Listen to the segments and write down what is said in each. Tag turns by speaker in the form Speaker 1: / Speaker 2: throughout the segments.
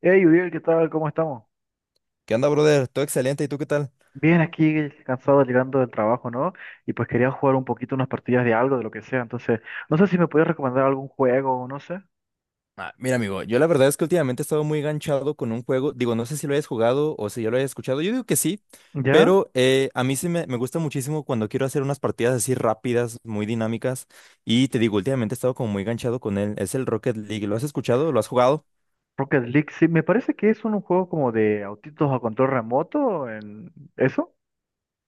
Speaker 1: Hey, Uriel, ¿qué tal? ¿Cómo estamos?
Speaker 2: ¿Qué onda, brother? Todo excelente, ¿y tú qué tal?
Speaker 1: Bien, aquí cansado llegando del trabajo, ¿no? Y pues quería jugar un poquito unas partidas de algo, de lo que sea. Entonces, no sé si me puedes recomendar algún juego, no sé.
Speaker 2: Ah, mira, amigo, yo la verdad es que últimamente he estado muy enganchado con un juego. Digo, no sé si lo hayas jugado o si ya lo hayas escuchado. Yo digo que sí,
Speaker 1: ¿Ya?
Speaker 2: pero a mí sí me gusta muchísimo cuando quiero hacer unas partidas así rápidas, muy dinámicas. Y te digo, últimamente he estado como muy enganchado con él. Es el Rocket League. ¿Lo has escuchado? ¿Lo has jugado?
Speaker 1: Rocket League, sí, me parece que es un juego como de autitos a control remoto, en ¿eso?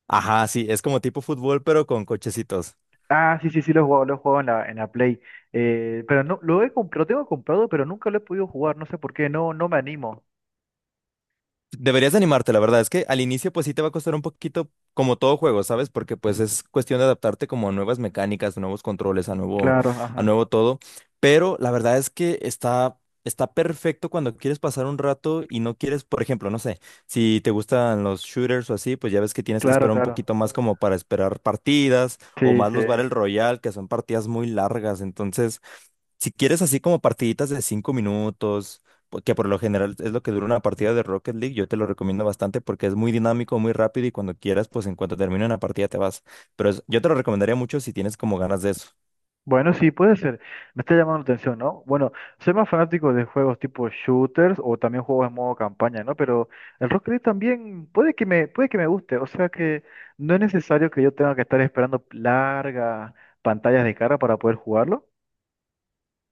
Speaker 2: Ajá, sí, es como tipo fútbol, pero con cochecitos.
Speaker 1: Ah, sí, sí, sí, lo he jugado en la Play. Pero no, lo tengo comprado, pero nunca lo he podido jugar, no sé por qué, no, no me animo.
Speaker 2: Deberías de animarte, la verdad es que al inicio pues sí te va a costar un poquito como todo juego, ¿sabes? Porque pues es cuestión de adaptarte como a nuevas mecánicas, nuevos controles,
Speaker 1: Claro,
Speaker 2: a
Speaker 1: ajá,
Speaker 2: nuevo todo. Pero la verdad es que está perfecto cuando quieres pasar un rato y no quieres, por ejemplo, no sé, si te gustan los shooters o así, pues ya ves que tienes que
Speaker 1: claro,
Speaker 2: esperar un
Speaker 1: claro.
Speaker 2: poquito más como para esperar partidas o
Speaker 1: Sí,
Speaker 2: más
Speaker 1: sí.
Speaker 2: los Battle Royale, que son partidas muy largas. Entonces, si quieres así como partiditas de 5 minutos, que por lo general es lo que dura una partida de Rocket League, yo te lo recomiendo bastante porque es muy dinámico, muy rápido y cuando quieras, pues en cuanto termine una partida te vas. Pero yo te lo recomendaría mucho si tienes como ganas de eso.
Speaker 1: Bueno, sí, puede ser. Me está llamando la atención, ¿no? Bueno, soy más fanático de juegos tipo shooters o también juegos en modo campaña, ¿no? Pero el Rocket League también puede que me guste. O sea que no es necesario que yo tenga que estar esperando largas pantallas de cara para poder jugarlo.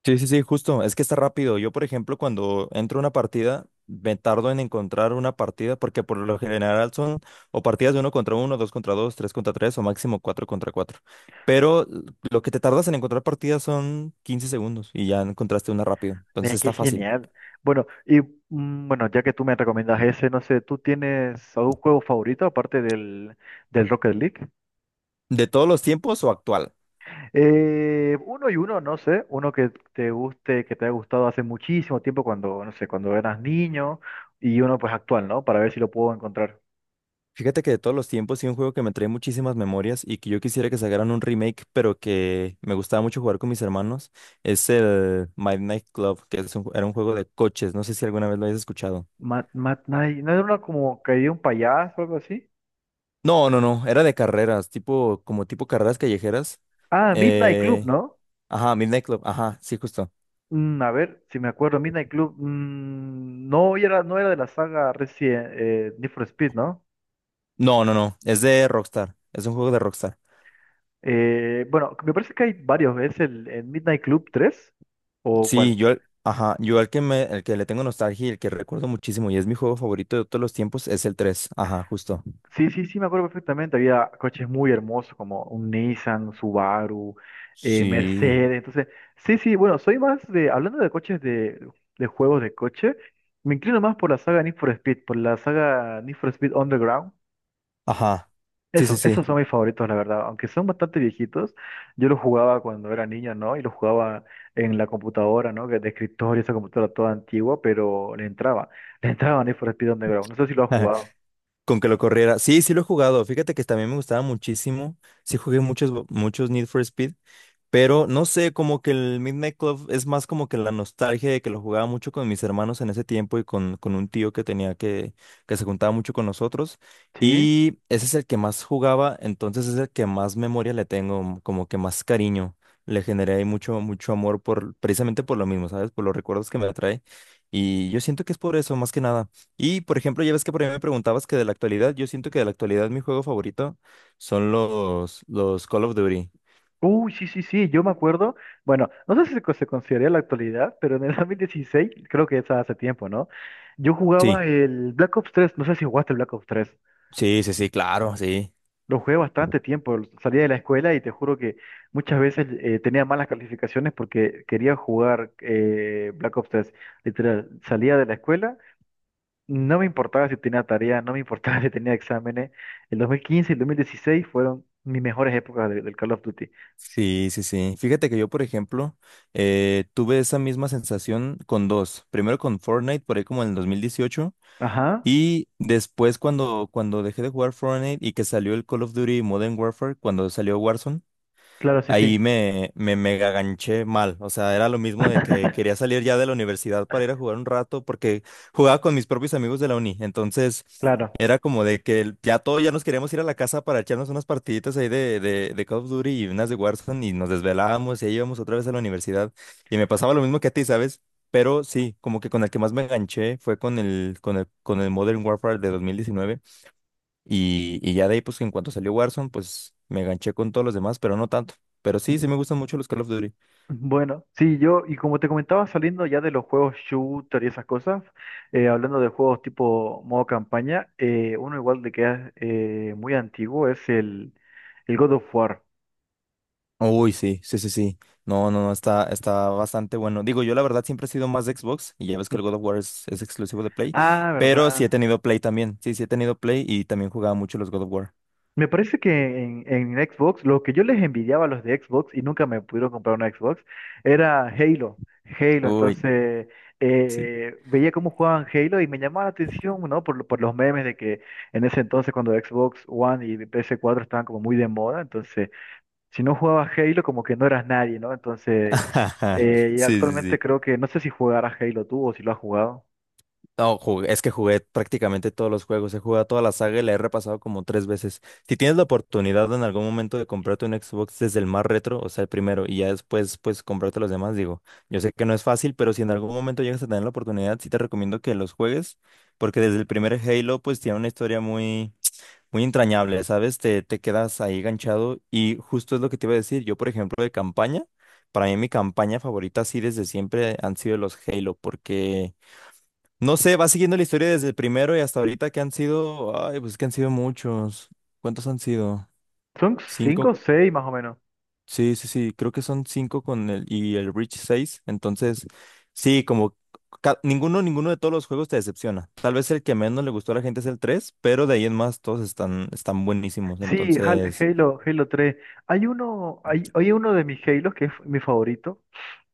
Speaker 2: Sí, sí, sí, justo. Es que está rápido. Yo, por ejemplo, cuando entro a una partida, me tardo en encontrar una partida porque por lo general son o partidas de uno contra uno, dos contra dos, tres contra tres o máximo cuatro contra cuatro. Pero lo que te tardas en encontrar partidas son 15 segundos y ya encontraste una rápido. Entonces
Speaker 1: Mira, qué
Speaker 2: está fácil.
Speaker 1: genial. Bueno, y bueno, ya que tú me recomiendas ese, no sé, ¿tú tienes algún juego favorito aparte del Rocket League?
Speaker 2: ¿De todos los tiempos o actual?
Speaker 1: Uno y uno, no sé, uno que te guste, que te haya gustado hace muchísimo tiempo cuando, no sé, cuando eras niño y uno pues actual, ¿no? Para ver si lo puedo encontrar.
Speaker 2: Fíjate que de todos los tiempos sí un juego que me trae muchísimas memorias y que yo quisiera que sacaran un remake, pero que me gustaba mucho jugar con mis hermanos, es el Midnight Club, que era un juego de coches, no sé si alguna vez lo hayas escuchado.
Speaker 1: Mad Night, ¿no era uno como que había un payaso o algo así?
Speaker 2: No, no, no, era de carreras, tipo, como tipo carreras callejeras.
Speaker 1: Ah, Midnight Club,
Speaker 2: Eh,
Speaker 1: ¿no?
Speaker 2: ajá, Midnight Club, ajá, sí, justo.
Speaker 1: A ver, si me acuerdo, Midnight Club, no era de la saga Resident, Need for Speed, ¿no?
Speaker 2: No, no, no, es de Rockstar, es un juego de Rockstar.
Speaker 1: Bueno, me parece que hay varios, ¿es el Midnight Club 3 o cuál?
Speaker 2: Sí, yo, ajá, yo el que le tengo nostalgia y el que recuerdo muchísimo y es mi juego favorito de todos los tiempos es el 3. Ajá, justo.
Speaker 1: Sí, sí, sí, me acuerdo perfectamente. Había coches muy hermosos como un Nissan, Subaru,
Speaker 2: Sí.
Speaker 1: Mercedes. Entonces, sí, sí, bueno, soy más de, hablando de coches de juegos de coche, me inclino más por la saga Need for Speed, por la saga Need for Speed Underground.
Speaker 2: Ajá. Sí, sí,
Speaker 1: Eso, esos
Speaker 2: sí.
Speaker 1: son mis favoritos, la verdad. Aunque son bastante viejitos, yo los jugaba cuando era niño, ¿no? Y los jugaba en la computadora, ¿no? Que de escritorio, esa computadora toda antigua, pero le entraba. Le entraba Need for Speed Underground. No sé si lo has jugado.
Speaker 2: Con que lo corriera. Sí, sí lo he jugado. Fíjate que también me gustaba muchísimo. Sí jugué muchos, muchos Need for Speed. Pero no sé, como que el Midnight Club es más como que la nostalgia de que lo jugaba mucho con mis hermanos en ese tiempo y con un tío que que se juntaba mucho con nosotros.
Speaker 1: Sí.
Speaker 2: Y ese es el que más jugaba, entonces es el que más memoria le tengo, como que más cariño. Le generé ahí mucho, mucho amor por, precisamente por lo mismo, ¿sabes? Por los recuerdos que me trae. Y yo siento que es por eso, más que nada. Y, por ejemplo, ya ves que por ahí me preguntabas que de la actualidad, yo siento que de la actualidad mi juego favorito son los Call of Duty.
Speaker 1: Uy, sí, sí, sí, yo me acuerdo. Bueno, no sé si se, co- se consideraría la actualidad, pero en el 2016, creo que es hace tiempo, ¿no? Yo jugaba
Speaker 2: Sí.
Speaker 1: el Black Ops 3, no sé si jugaste el Black Ops 3.
Speaker 2: Sí, sí, sí, claro, sí.
Speaker 1: Lo jugué bastante tiempo, salía de la escuela y te juro que muchas veces tenía malas calificaciones porque quería jugar Black Ops 3. Literal, salía de la escuela, no me importaba si tenía tarea, no me importaba si tenía exámenes. El 2015 y el 2016 fueron mis mejores épocas del Call of Duty.
Speaker 2: Sí, sí, sí. Fíjate que yo, por ejemplo, tuve esa misma sensación con dos. Primero con Fortnite, por ahí como en el 2018.
Speaker 1: Ajá,
Speaker 2: Y después cuando dejé de jugar Fortnite y que salió el Call of Duty Modern Warfare, cuando salió Warzone,
Speaker 1: claro, sí,
Speaker 2: ahí
Speaker 1: sí.
Speaker 2: me mega ganché mal. O sea, era lo mismo de que quería salir ya de la universidad para ir a jugar un rato porque jugaba con mis propios amigos de la uni. Entonces,
Speaker 1: Claro.
Speaker 2: era como de que ya todos ya nos queríamos ir a la casa para echarnos unas partiditas ahí de Call of Duty y unas de Warzone y nos desvelábamos y ahí íbamos otra vez a la universidad. Y me pasaba lo mismo que a ti, ¿sabes? Pero sí, como que con el que más me enganché fue con el Modern Warfare de 2019. Y ya de ahí, pues en cuanto salió Warzone, pues me ganché con todos los demás, pero no tanto. Pero sí, sí me gustan mucho los Call of Duty.
Speaker 1: Bueno, sí, yo, y como te comentaba, saliendo ya de los juegos shooter y esas cosas, hablando de juegos tipo modo campaña, uno igual de que es muy antiguo es el God of War.
Speaker 2: Uy, sí, sí, sí, sí. No, no, no, está bastante bueno. Digo, yo la verdad siempre he sido más de Xbox y ya ves que el God of War es exclusivo de Play,
Speaker 1: Ah,
Speaker 2: pero sí he
Speaker 1: ¿verdad?
Speaker 2: tenido Play también. Sí, sí he tenido Play y también jugaba mucho los God of War.
Speaker 1: Me parece que en Xbox, lo que yo les envidiaba a los de Xbox y nunca me pudieron comprar una Xbox, era Halo. Halo,
Speaker 2: Uy,
Speaker 1: entonces
Speaker 2: sí.
Speaker 1: veía cómo jugaban Halo y me llamaba la atención, ¿no? Por los memes de que en ese entonces cuando Xbox One y PS4 estaban como muy de moda, entonces si no jugabas Halo como que no eras nadie, ¿no? Entonces, y
Speaker 2: Sí, sí,
Speaker 1: actualmente
Speaker 2: sí.
Speaker 1: creo que, no sé si jugarás Halo tú o si lo has jugado.
Speaker 2: No, es que jugué prácticamente todos los juegos, he jugado toda la saga y la he repasado como tres veces. Si tienes la oportunidad en algún momento de comprarte un Xbox desde el más retro, o sea, el primero, y ya después, pues, comprarte los demás, digo, yo sé que no es fácil, pero si en algún momento llegas a tener la oportunidad, sí te recomiendo que los juegues, porque desde el primer Halo, pues, tiene una historia muy, muy entrañable, ¿sabes? Te quedas ahí ganchado y justo es lo que te iba a decir. Yo, por ejemplo, de campaña, para mí mi campaña favorita, sí, desde siempre han sido los Halo, porque... No sé, va siguiendo la historia desde el primero y hasta ahorita que han sido, ay, pues que han sido muchos. ¿Cuántos han sido?
Speaker 1: Son cinco
Speaker 2: Cinco.
Speaker 1: o seis más o menos.
Speaker 2: Sí, sí, sí, creo que son cinco con el y el Reach 6. Entonces, sí, como ninguno, ninguno de todos los juegos te decepciona. Tal vez el que menos le gustó a la gente es el 3, pero de ahí en más todos están, buenísimos.
Speaker 1: Sí,
Speaker 2: Entonces,
Speaker 1: Halo, Halo 3. Hay uno, hay uno de mis Halos que es mi favorito,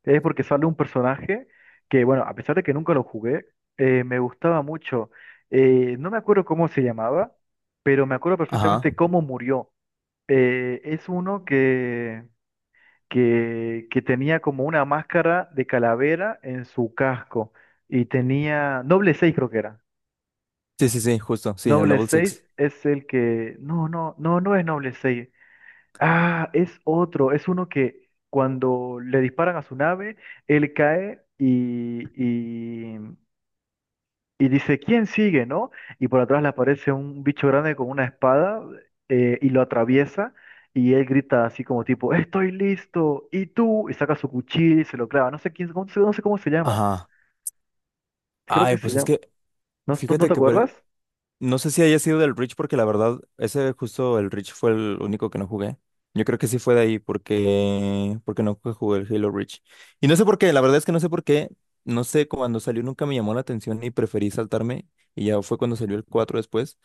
Speaker 1: que es porque sale un personaje que, bueno, a pesar de que nunca lo jugué, me gustaba mucho. No me acuerdo cómo se llamaba, pero me acuerdo
Speaker 2: ajá.
Speaker 1: perfectamente cómo murió. Es uno que tenía como una máscara de calavera en su casco y tenía, Noble 6 creo que era.
Speaker 2: Sí, sí, sí, justo, sí, el
Speaker 1: Noble
Speaker 2: Noble
Speaker 1: 6
Speaker 2: Six.
Speaker 1: es el que, no, no, no, no es Noble 6. Ah, es otro, es uno que cuando le disparan a su nave, él cae y, y dice, ¿quién sigue, no? Y por atrás le aparece un bicho grande con una espada y lo atraviesa y él grita así como tipo, estoy listo, ¿y tú? Y saca su cuchillo y se lo clava, no sé quién, no sé, no sé cómo se llama,
Speaker 2: Ajá.
Speaker 1: creo que
Speaker 2: Ay,
Speaker 1: se
Speaker 2: pues es
Speaker 1: llama,
Speaker 2: que,
Speaker 1: no
Speaker 2: fíjate
Speaker 1: te
Speaker 2: que por,
Speaker 1: acuerdas?
Speaker 2: no sé si haya sido del Reach porque la verdad, ese justo el Reach fue el único que no jugué. Yo creo que sí fue de ahí porque no jugué el Halo Reach. Y no sé por qué, la verdad es que no sé por qué. No sé, cuando salió nunca me llamó la atención y preferí saltarme. Y ya fue cuando salió el 4 después.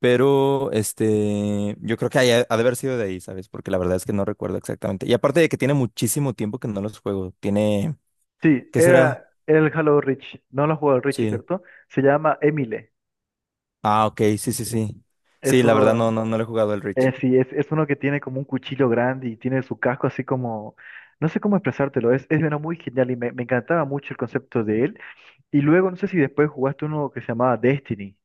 Speaker 2: Pero este, yo creo que ha de haber sido de ahí, ¿sabes? Porque la verdad es que no recuerdo exactamente. Y aparte de que tiene muchísimo tiempo que no los juego. Tiene,
Speaker 1: Sí,
Speaker 2: ¿qué será?
Speaker 1: era el Halo Reach, no lo jugó el Reach,
Speaker 2: Sí.
Speaker 1: ¿cierto? Se llama Emile,
Speaker 2: Ah, ok, sí, sí, sí.
Speaker 1: es
Speaker 2: Sí, la verdad no,
Speaker 1: uno.
Speaker 2: no, no le he jugado el Reach.
Speaker 1: Sí, es uno que tiene como un cuchillo grande y tiene su casco así como, no sé cómo expresártelo, es uno muy genial y me encantaba mucho el concepto de él. Y luego, no sé si después jugaste uno que se llamaba Destiny.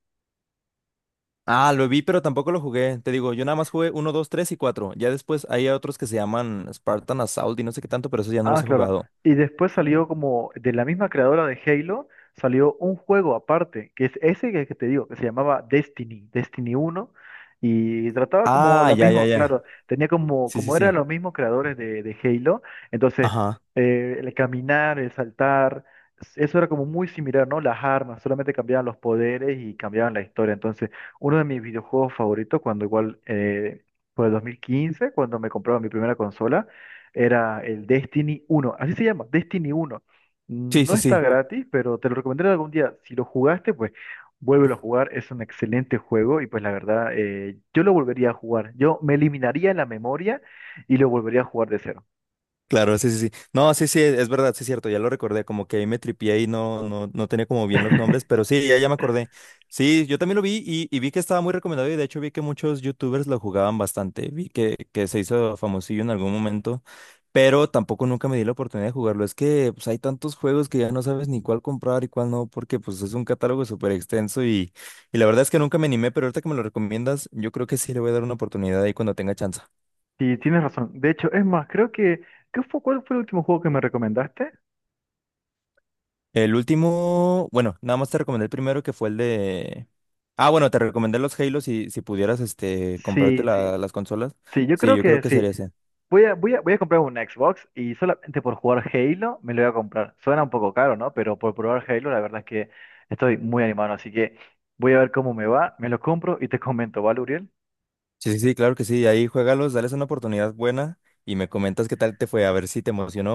Speaker 2: Ah, lo vi, pero tampoco lo jugué. Te digo, yo nada más jugué uno, 2, 3 y 4. Ya después hay otros que se llaman Spartan Assault y no sé qué tanto, pero esos ya no
Speaker 1: Ah,
Speaker 2: los he
Speaker 1: claro.
Speaker 2: jugado.
Speaker 1: Y después salió como de la misma creadora de Halo, salió un juego aparte, que es ese que te digo, que se llamaba Destiny, Destiny uno, y trataba como
Speaker 2: Ah,
Speaker 1: la
Speaker 2: ya, ya,
Speaker 1: misma,
Speaker 2: ya.
Speaker 1: claro, tenía como,
Speaker 2: Sí, sí,
Speaker 1: como eran
Speaker 2: sí.
Speaker 1: los mismos creadores de Halo, entonces
Speaker 2: Ajá.
Speaker 1: el caminar, el saltar, eso era como muy similar, ¿no? Las armas, solamente cambiaban los poderes y cambiaban la historia. Entonces, uno de mis videojuegos favoritos, cuando igual, por el 2015 cuando me compraba mi primera consola, era el Destiny uno. Así se llama, Destiny uno.
Speaker 2: Sí,
Speaker 1: No
Speaker 2: sí,
Speaker 1: está
Speaker 2: sí.
Speaker 1: gratis, pero te lo recomendaré algún día. Si lo jugaste, pues vuélvelo a jugar. Es un excelente juego y pues la verdad, yo lo volvería a jugar. Yo me eliminaría la memoria y lo volvería a jugar de cero.
Speaker 2: Claro, sí, sí, sí. No, sí, sí, es verdad, sí es cierto, ya lo recordé, como que ahí me tripié y no, no, no tenía como bien los nombres, pero sí, ya, ya me acordé. Sí, yo también lo vi y vi que estaba muy recomendado y de hecho vi que muchos youtubers lo jugaban bastante, vi que se hizo famosillo en algún momento, pero tampoco nunca me di la oportunidad de jugarlo. Es que pues, hay tantos juegos que ya no sabes ni cuál comprar y cuál no, porque pues es un catálogo súper extenso y la verdad es que nunca me animé, pero ahorita que me lo recomiendas, yo creo que sí le voy a dar una oportunidad ahí cuando tenga chance.
Speaker 1: Sí, tienes razón. De hecho, es más, creo que... ¿qué fue, cuál fue el último juego que me recomendaste?
Speaker 2: El último, bueno, nada más te recomendé el primero que fue el de... Ah, bueno, te recomendé los Halo si pudieras este, comprarte
Speaker 1: Sí, sí.
Speaker 2: las consolas.
Speaker 1: Sí, yo
Speaker 2: Sí,
Speaker 1: creo
Speaker 2: yo creo
Speaker 1: que
Speaker 2: que
Speaker 1: sí.
Speaker 2: sería ese.
Speaker 1: Voy a comprar un Xbox y solamente por jugar Halo me lo voy a comprar. Suena un poco caro, ¿no? Pero por probar Halo, la verdad es que estoy muy animado, así que voy a ver cómo me va, me lo compro y te comento, ¿vale, Uriel?
Speaker 2: Sí, sí, sí, claro que sí. Ahí juégalos, dales una oportunidad buena y me comentas qué tal te fue, a ver si te emocionó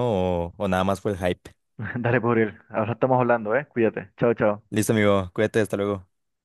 Speaker 2: o nada más fue el hype.
Speaker 1: Dale, pues, Uriel. Ahora estamos hablando, ¿eh? Cuídate. Chao, chao.
Speaker 2: Listo, amigo, cuídate, hasta luego.